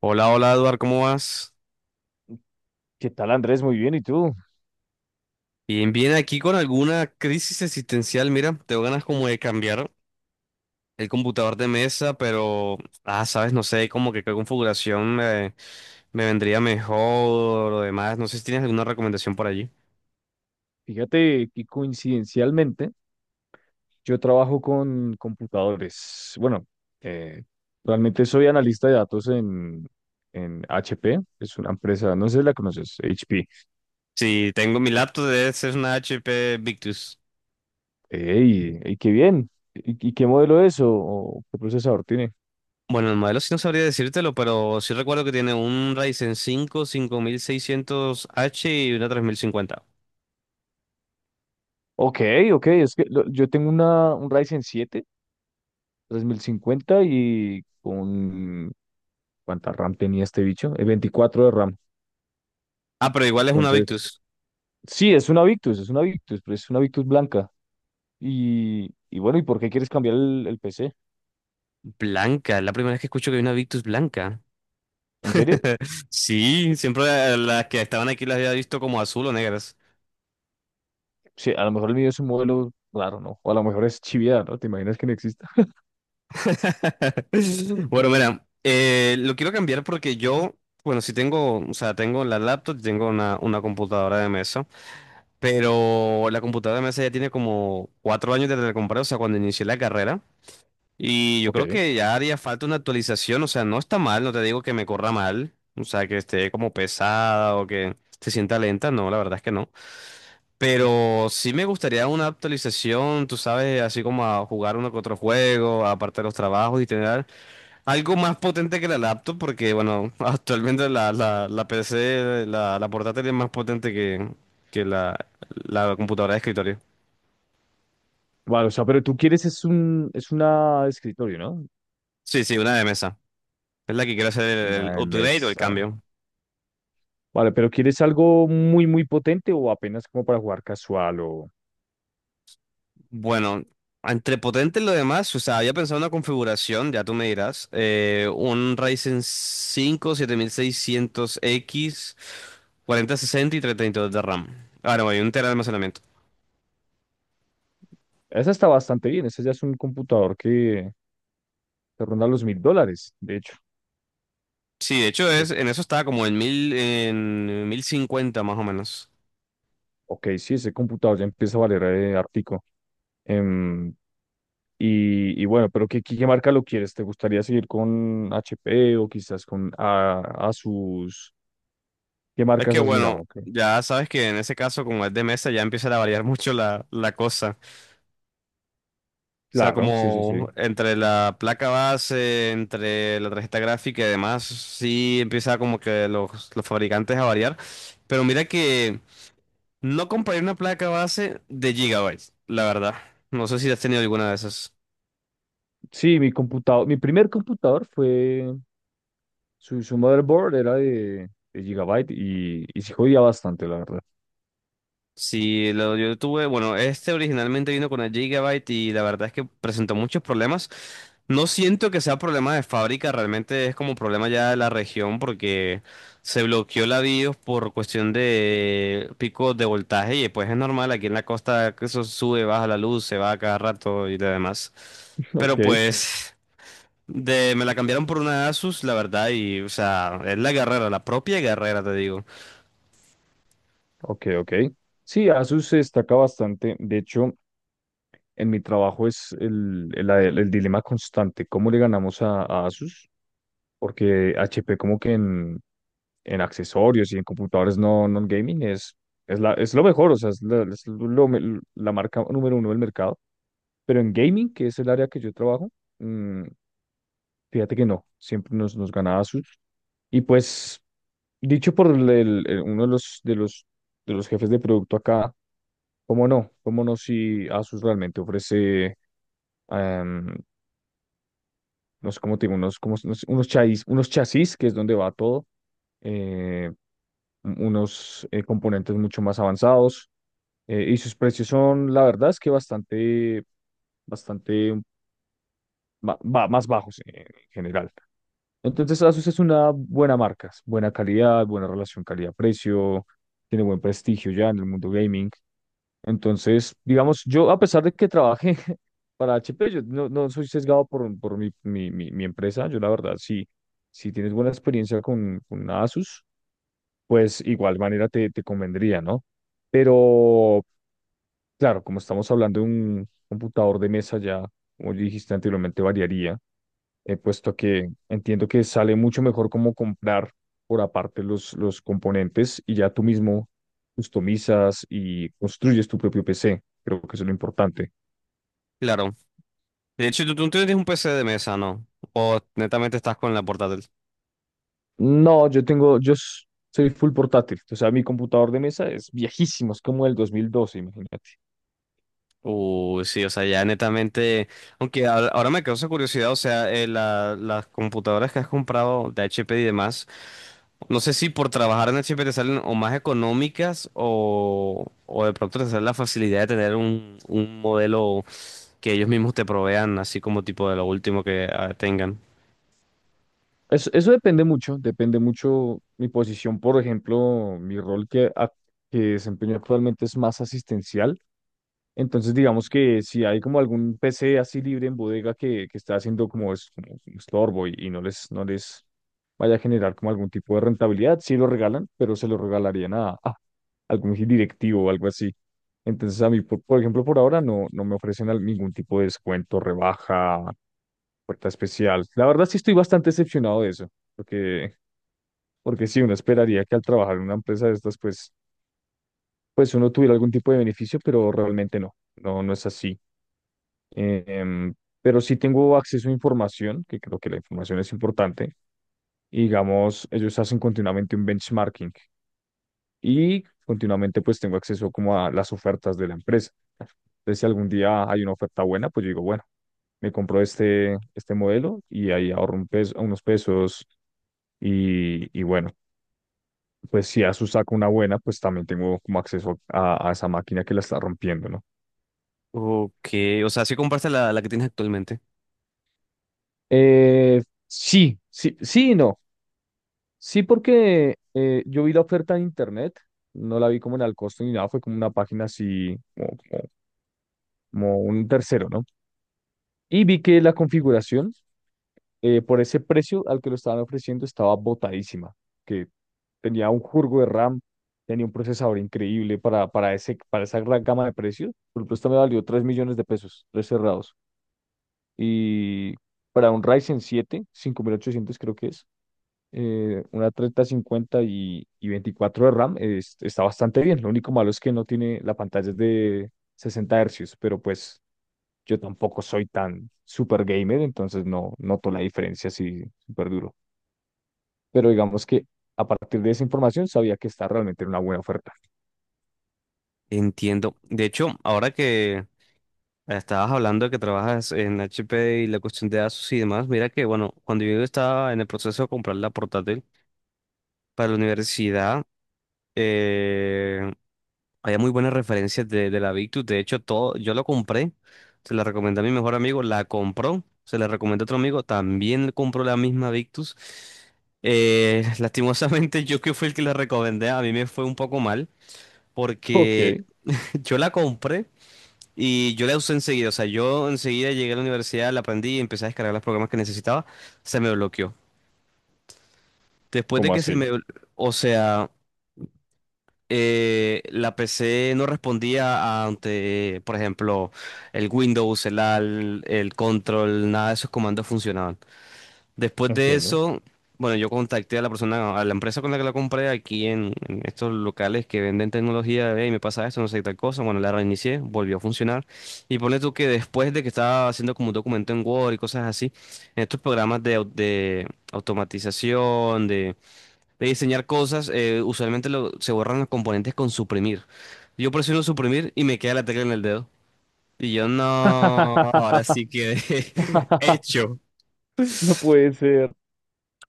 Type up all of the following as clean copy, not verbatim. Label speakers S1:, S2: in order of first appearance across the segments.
S1: Hola, hola Eduard, ¿cómo vas?
S2: ¿Qué tal, Andrés? Muy bien, ¿y tú?
S1: Bien, bien, aquí con alguna crisis existencial, mira, tengo ganas como de cambiar el computador de mesa, pero, sabes, no sé, como que qué configuración me vendría mejor o demás, no sé si tienes alguna recomendación por allí.
S2: Fíjate que coincidencialmente yo trabajo con computadores. Bueno, eh, realmente soy analista de datos en, HP, es una empresa, no sé si la conoces, HP.
S1: Sí, tengo mi laptop, debe ser una HP Victus.
S2: ¡Ey! ¡Ey, qué bien! ¿Y qué modelo es o qué procesador tiene?
S1: Bueno, el modelo sí no sabría decírtelo, pero sí recuerdo que tiene un Ryzen cinco cinco mil seiscientos h y una tres mil cincuenta.
S2: Ok, ok, es que yo tengo una, un Ryzen 7 3050 y con... ¿Cuánta RAM tenía este bicho? 24 de RAM.
S1: Ah, pero igual es una
S2: Entonces,
S1: Victus.
S2: sí, es una Victus, pero es una Victus blanca. Y bueno, ¿y por qué quieres cambiar el PC?
S1: Blanca, es la primera vez que escucho que hay una Victus blanca.
S2: ¿En serio?
S1: Sí, siempre las que estaban aquí las había visto como azul o negras.
S2: Sí, a lo mejor el mío es un modelo raro, ¿no? O a lo mejor es chiviada, ¿no? ¿Te imaginas que no exista?
S1: Bueno, mira, lo quiero cambiar porque yo, bueno, sí tengo, o sea, tengo la laptop, y tengo una computadora de mesa, pero la computadora de mesa ya tiene como cuatro años desde que la compré, o sea, cuando inicié la carrera, y yo creo
S2: Ok.
S1: que ya haría falta una actualización, o sea, no está mal, no te digo que me corra mal, o sea, que esté como pesada o que se sienta lenta, no, la verdad es que no. Pero sí me gustaría una actualización, tú sabes, así como a jugar uno que otro juego, aparte de los trabajos y tener algo más potente que la laptop, porque bueno, actualmente la PC, la portátil es más potente que la computadora de escritorio.
S2: Vale, o sea, pero tú quieres es un, es una escritorio, ¿no?
S1: Sí, sí, una de mesa. Es la que quiero hacer el
S2: Una
S1: upgrade o el
S2: mesa.
S1: cambio.
S2: Vale, pero ¿quieres algo muy, muy potente o apenas como para jugar casual o...
S1: Bueno, entre potente y lo demás, o sea, había pensado una configuración, ya tú me dirás, un Ryzen 5 7600X, sesenta y 32 de RAM. Ahora, voy, un tera de almacenamiento.
S2: Esa está bastante bien, esa ya es un computador que te ronda los mil dólares, de hecho.
S1: Sí, de hecho
S2: Eh,
S1: es, en eso estaba como en 1050 más o menos.
S2: ok, sí, ese computador ya empieza a valer ártico. Y bueno, pero ¿qué, marca lo quieres? ¿Te gustaría seguir con HP o quizás con Asus? ¿Qué
S1: Es que
S2: marcas has mirado?
S1: bueno,
S2: Ok.
S1: ya sabes que en ese caso, como es de mesa, ya empieza a variar mucho la cosa. O sea,
S2: Claro, sí, sí, sí.
S1: como entre la placa base, entre la tarjeta gráfica y demás, sí empieza como que los fabricantes a variar. Pero mira que no compré una placa base de gigabytes, la verdad. No sé si has tenido alguna de esas.
S2: Sí, mi primer computador su motherboard era de Gigabyte y sí jodía bastante, la verdad.
S1: Sí, lo, yo tuve, bueno, este originalmente vino con el Gigabyte y la verdad es que presentó muchos problemas. No siento que sea problema de fábrica, realmente es como problema ya de la región porque se bloqueó la BIOS por cuestión de picos de voltaje y pues es normal aquí en la costa que eso sube, baja la luz, se va a cada rato y lo demás. Pero sí.
S2: Ok,
S1: Pues de, me la cambiaron por una Asus, la verdad, y o sea, es la guerrera, la propia guerrera, te digo.
S2: ok, ok. Sí, Asus se destaca bastante. De hecho, en mi trabajo es el dilema constante, ¿cómo le ganamos a Asus? Porque HP como que en, accesorios y en computadores no non-gaming es lo mejor, o sea, es, la, es lo me- la marca número uno del mercado. Pero en gaming, que es el área que yo trabajo, mm, fíjate que no, siempre nos ganaba Asus. Y pues, dicho por uno de los, jefes de producto acá, ¿cómo no? ¿Cómo no si Asus realmente ofrece, em, no sé cómo te digo, unos, como, unos chasis, que es donde va todo, eh, unos componentes mucho más avanzados. Y sus precios son, la verdad, es que bastante, bastante más bajos en general. Entonces, Asus es una buena marca, es buena calidad, buena relación calidad-precio, tiene buen prestigio ya en el mundo gaming. Entonces, digamos, yo a pesar de que trabajé para HP, yo no soy sesgado por mi empresa. Yo la verdad, sí, si tienes buena experiencia con una Asus, pues igual manera te convendría, ¿no? Pero, claro, como estamos hablando de un computador de mesa ya, como dijiste anteriormente, variaría, puesto que entiendo que sale mucho mejor como comprar por aparte los componentes y ya tú mismo customizas y construyes tu propio PC. Creo que eso es lo importante.
S1: Claro, de hecho, tú tienes un PC de mesa, ¿no? O netamente estás con la portátil.
S2: No, yo tengo, soy full portátil, o sea, mi computador de mesa es viejísimo, es como el 2012, imagínate.
S1: Uy, sí, o sea, ya netamente. Aunque ahora me causa curiosidad, o sea, la- las computadoras que has comprado de HP y demás, no sé si por trabajar en HP te salen o más económicas o de pronto te sale la facilidad de tener un modelo que ellos mismos te provean, así como tipo de lo último que tengan.
S2: Eso depende mucho mi posición, por ejemplo, mi rol que que desempeño actualmente es más asistencial. Entonces, digamos que si hay como algún PC así libre en bodega que está haciendo como, como un estorbo y no les vaya a generar como algún tipo de rentabilidad, sí lo regalan, pero se lo regalarían a algún directivo o algo así. Entonces, a mí, por ejemplo, por ahora no me ofrecen ningún tipo de descuento, rebaja, puerta especial. La verdad sí estoy bastante decepcionado de eso, porque, porque sí, uno esperaría que al trabajar en una empresa de estas, pues, uno tuviera algún tipo de beneficio, pero realmente no, no, no es así. Eh, em, pero sí tengo acceso a información, que creo que la información es importante, y digamos, ellos hacen continuamente un benchmarking y continuamente pues tengo acceso como a las ofertas de la empresa. Entonces, si algún día hay una oferta buena, pues yo digo, bueno me compro este modelo y ahí ahorro un peso, unos pesos. Y bueno, pues si Asus saca una buena, pues también tengo como acceso a esa máquina que la está rompiendo, ¿no?
S1: Ok, o sea, si compraste la que tienes actualmente.
S2: Eh, sí, sí, sí y no. Sí, porque yo vi la oferta en internet, no la vi como en al costo ni nada, fue como una página así, como un tercero, ¿no? Y vi que la configuración por ese precio al que lo estaban ofreciendo estaba botadísima, que tenía un jurgo de RAM, tenía un procesador increíble para esa gran gama de precios. Por ejemplo, esta me valió 3 millones de pesos, tres cerrados. Y para un Ryzen 7 5800 creo que es, una 3050 y 24 de RAM, está bastante bien. Lo único malo es que no tiene, la pantalla es de 60 hercios, pero pues yo tampoco soy tan super gamer, entonces no noto la diferencia así súper duro, pero digamos que a partir de esa información sabía que está realmente en una buena oferta.
S1: Entiendo. De hecho, ahora que estabas hablando de que trabajas en HP y la cuestión de ASUS y demás. Mira que, bueno, cuando yo estaba en el proceso de comprar la portátil para la universidad, eh, había muy buenas referencias de la Victus. De hecho, todo, yo lo compré, se la recomendé a mi mejor amigo, la compró, se la recomendé a otro amigo, también compró la misma Victus. Lastimosamente, yo que fui el que la recomendé, a mí me fue un poco mal
S2: Ok,
S1: porque yo la compré. Y yo la usé enseguida, o sea, yo enseguida llegué a la universidad, la aprendí y empecé a descargar los programas que necesitaba, se me bloqueó. Después de
S2: ¿cómo
S1: que se
S2: así?
S1: o sea, la PC no respondía ante, por ejemplo, el Windows, el AL, el control, nada de esos comandos funcionaban. Después de
S2: Entiendo.
S1: eso, bueno, yo contacté a la persona, a la empresa con la que la compré aquí en estos locales que venden tecnología, y me pasa esto, no sé qué tal cosa. Bueno, la reinicié, volvió a funcionar. Y ponle tú que después de que estaba haciendo como un documento en Word y cosas así, en estos programas de automatización, de diseñar cosas, usualmente lo- se borran los componentes con suprimir. Yo presiono suprimir y me queda la tecla en el dedo. Y yo no, ahora sí quedé hecho.
S2: No puede ser.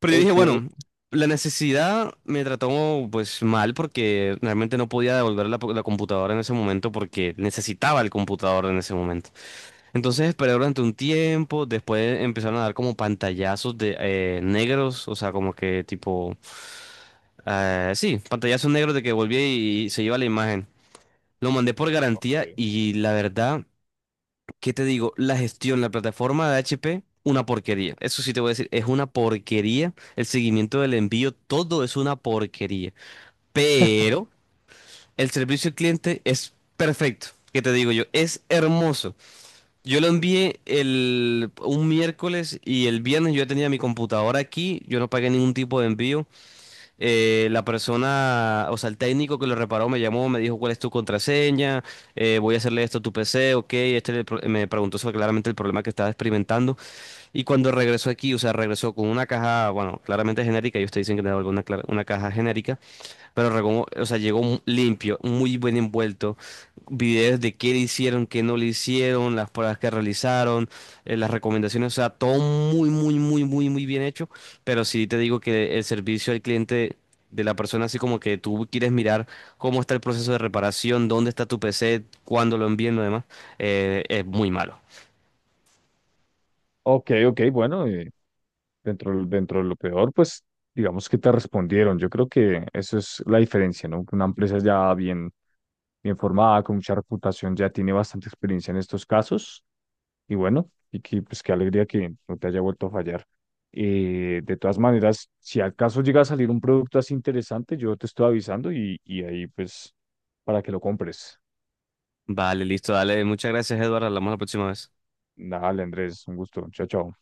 S1: Pero yo dije,
S2: Ok.
S1: bueno, la necesidad me trató pues mal porque realmente no podía devolver la computadora en ese momento porque necesitaba el computador en ese momento. Entonces esperé durante un tiempo, después empezaron a dar como pantallazos de negros, o sea, como que tipo, sí, pantallazos negros de que volvía y se iba la imagen. Lo mandé por
S2: Ok,
S1: garantía y la verdad... ¿Qué te digo? La gestión, la plataforma de HP, una porquería. Eso sí te voy a decir, es una porquería. El seguimiento del envío, todo es una porquería. Pero el servicio al cliente es perfecto. ¿Qué te digo yo? Es hermoso. Yo lo envié un miércoles y el viernes yo ya tenía mi computadora aquí. Yo no pagué ningún tipo de envío. La persona, o sea, el técnico que lo reparó me llamó, me dijo cuál es tu contraseña, voy a hacerle esto a tu PC, ok, este le pro- me preguntó sobre claramente el problema que estaba experimentando y cuando regresó aquí, o sea, regresó con una caja, bueno, claramente genérica, ellos te dicen que era alguna, clara- una caja genérica, pero Ragón, o sea, llegó mu- limpio, muy bien envuelto. Videos de qué le hicieron, qué no le hicieron, las pruebas que realizaron, las recomendaciones, o sea, todo muy, muy, muy, muy, muy bien hecho. Pero sí te digo que el servicio al cliente de la persona, así como que tú quieres mirar cómo está el proceso de reparación, dónde está tu PC, cuándo lo envíen, lo demás, es muy malo.
S2: ok, ok, bueno, dentro de lo peor, pues digamos que te respondieron. Yo creo que eso es la diferencia, ¿no? Que una empresa ya bien, bien formada, con mucha reputación, ya tiene bastante experiencia en estos casos. Y bueno, y que, pues qué alegría que no te haya vuelto a fallar. De todas maneras, si al caso llega a salir un producto así interesante, yo te estoy avisando y ahí pues para que lo compres.
S1: Vale, listo, dale. Muchas gracias, Eduardo. Hablamos la próxima vez.
S2: Dale, Andrés, un gusto. Chao, chao.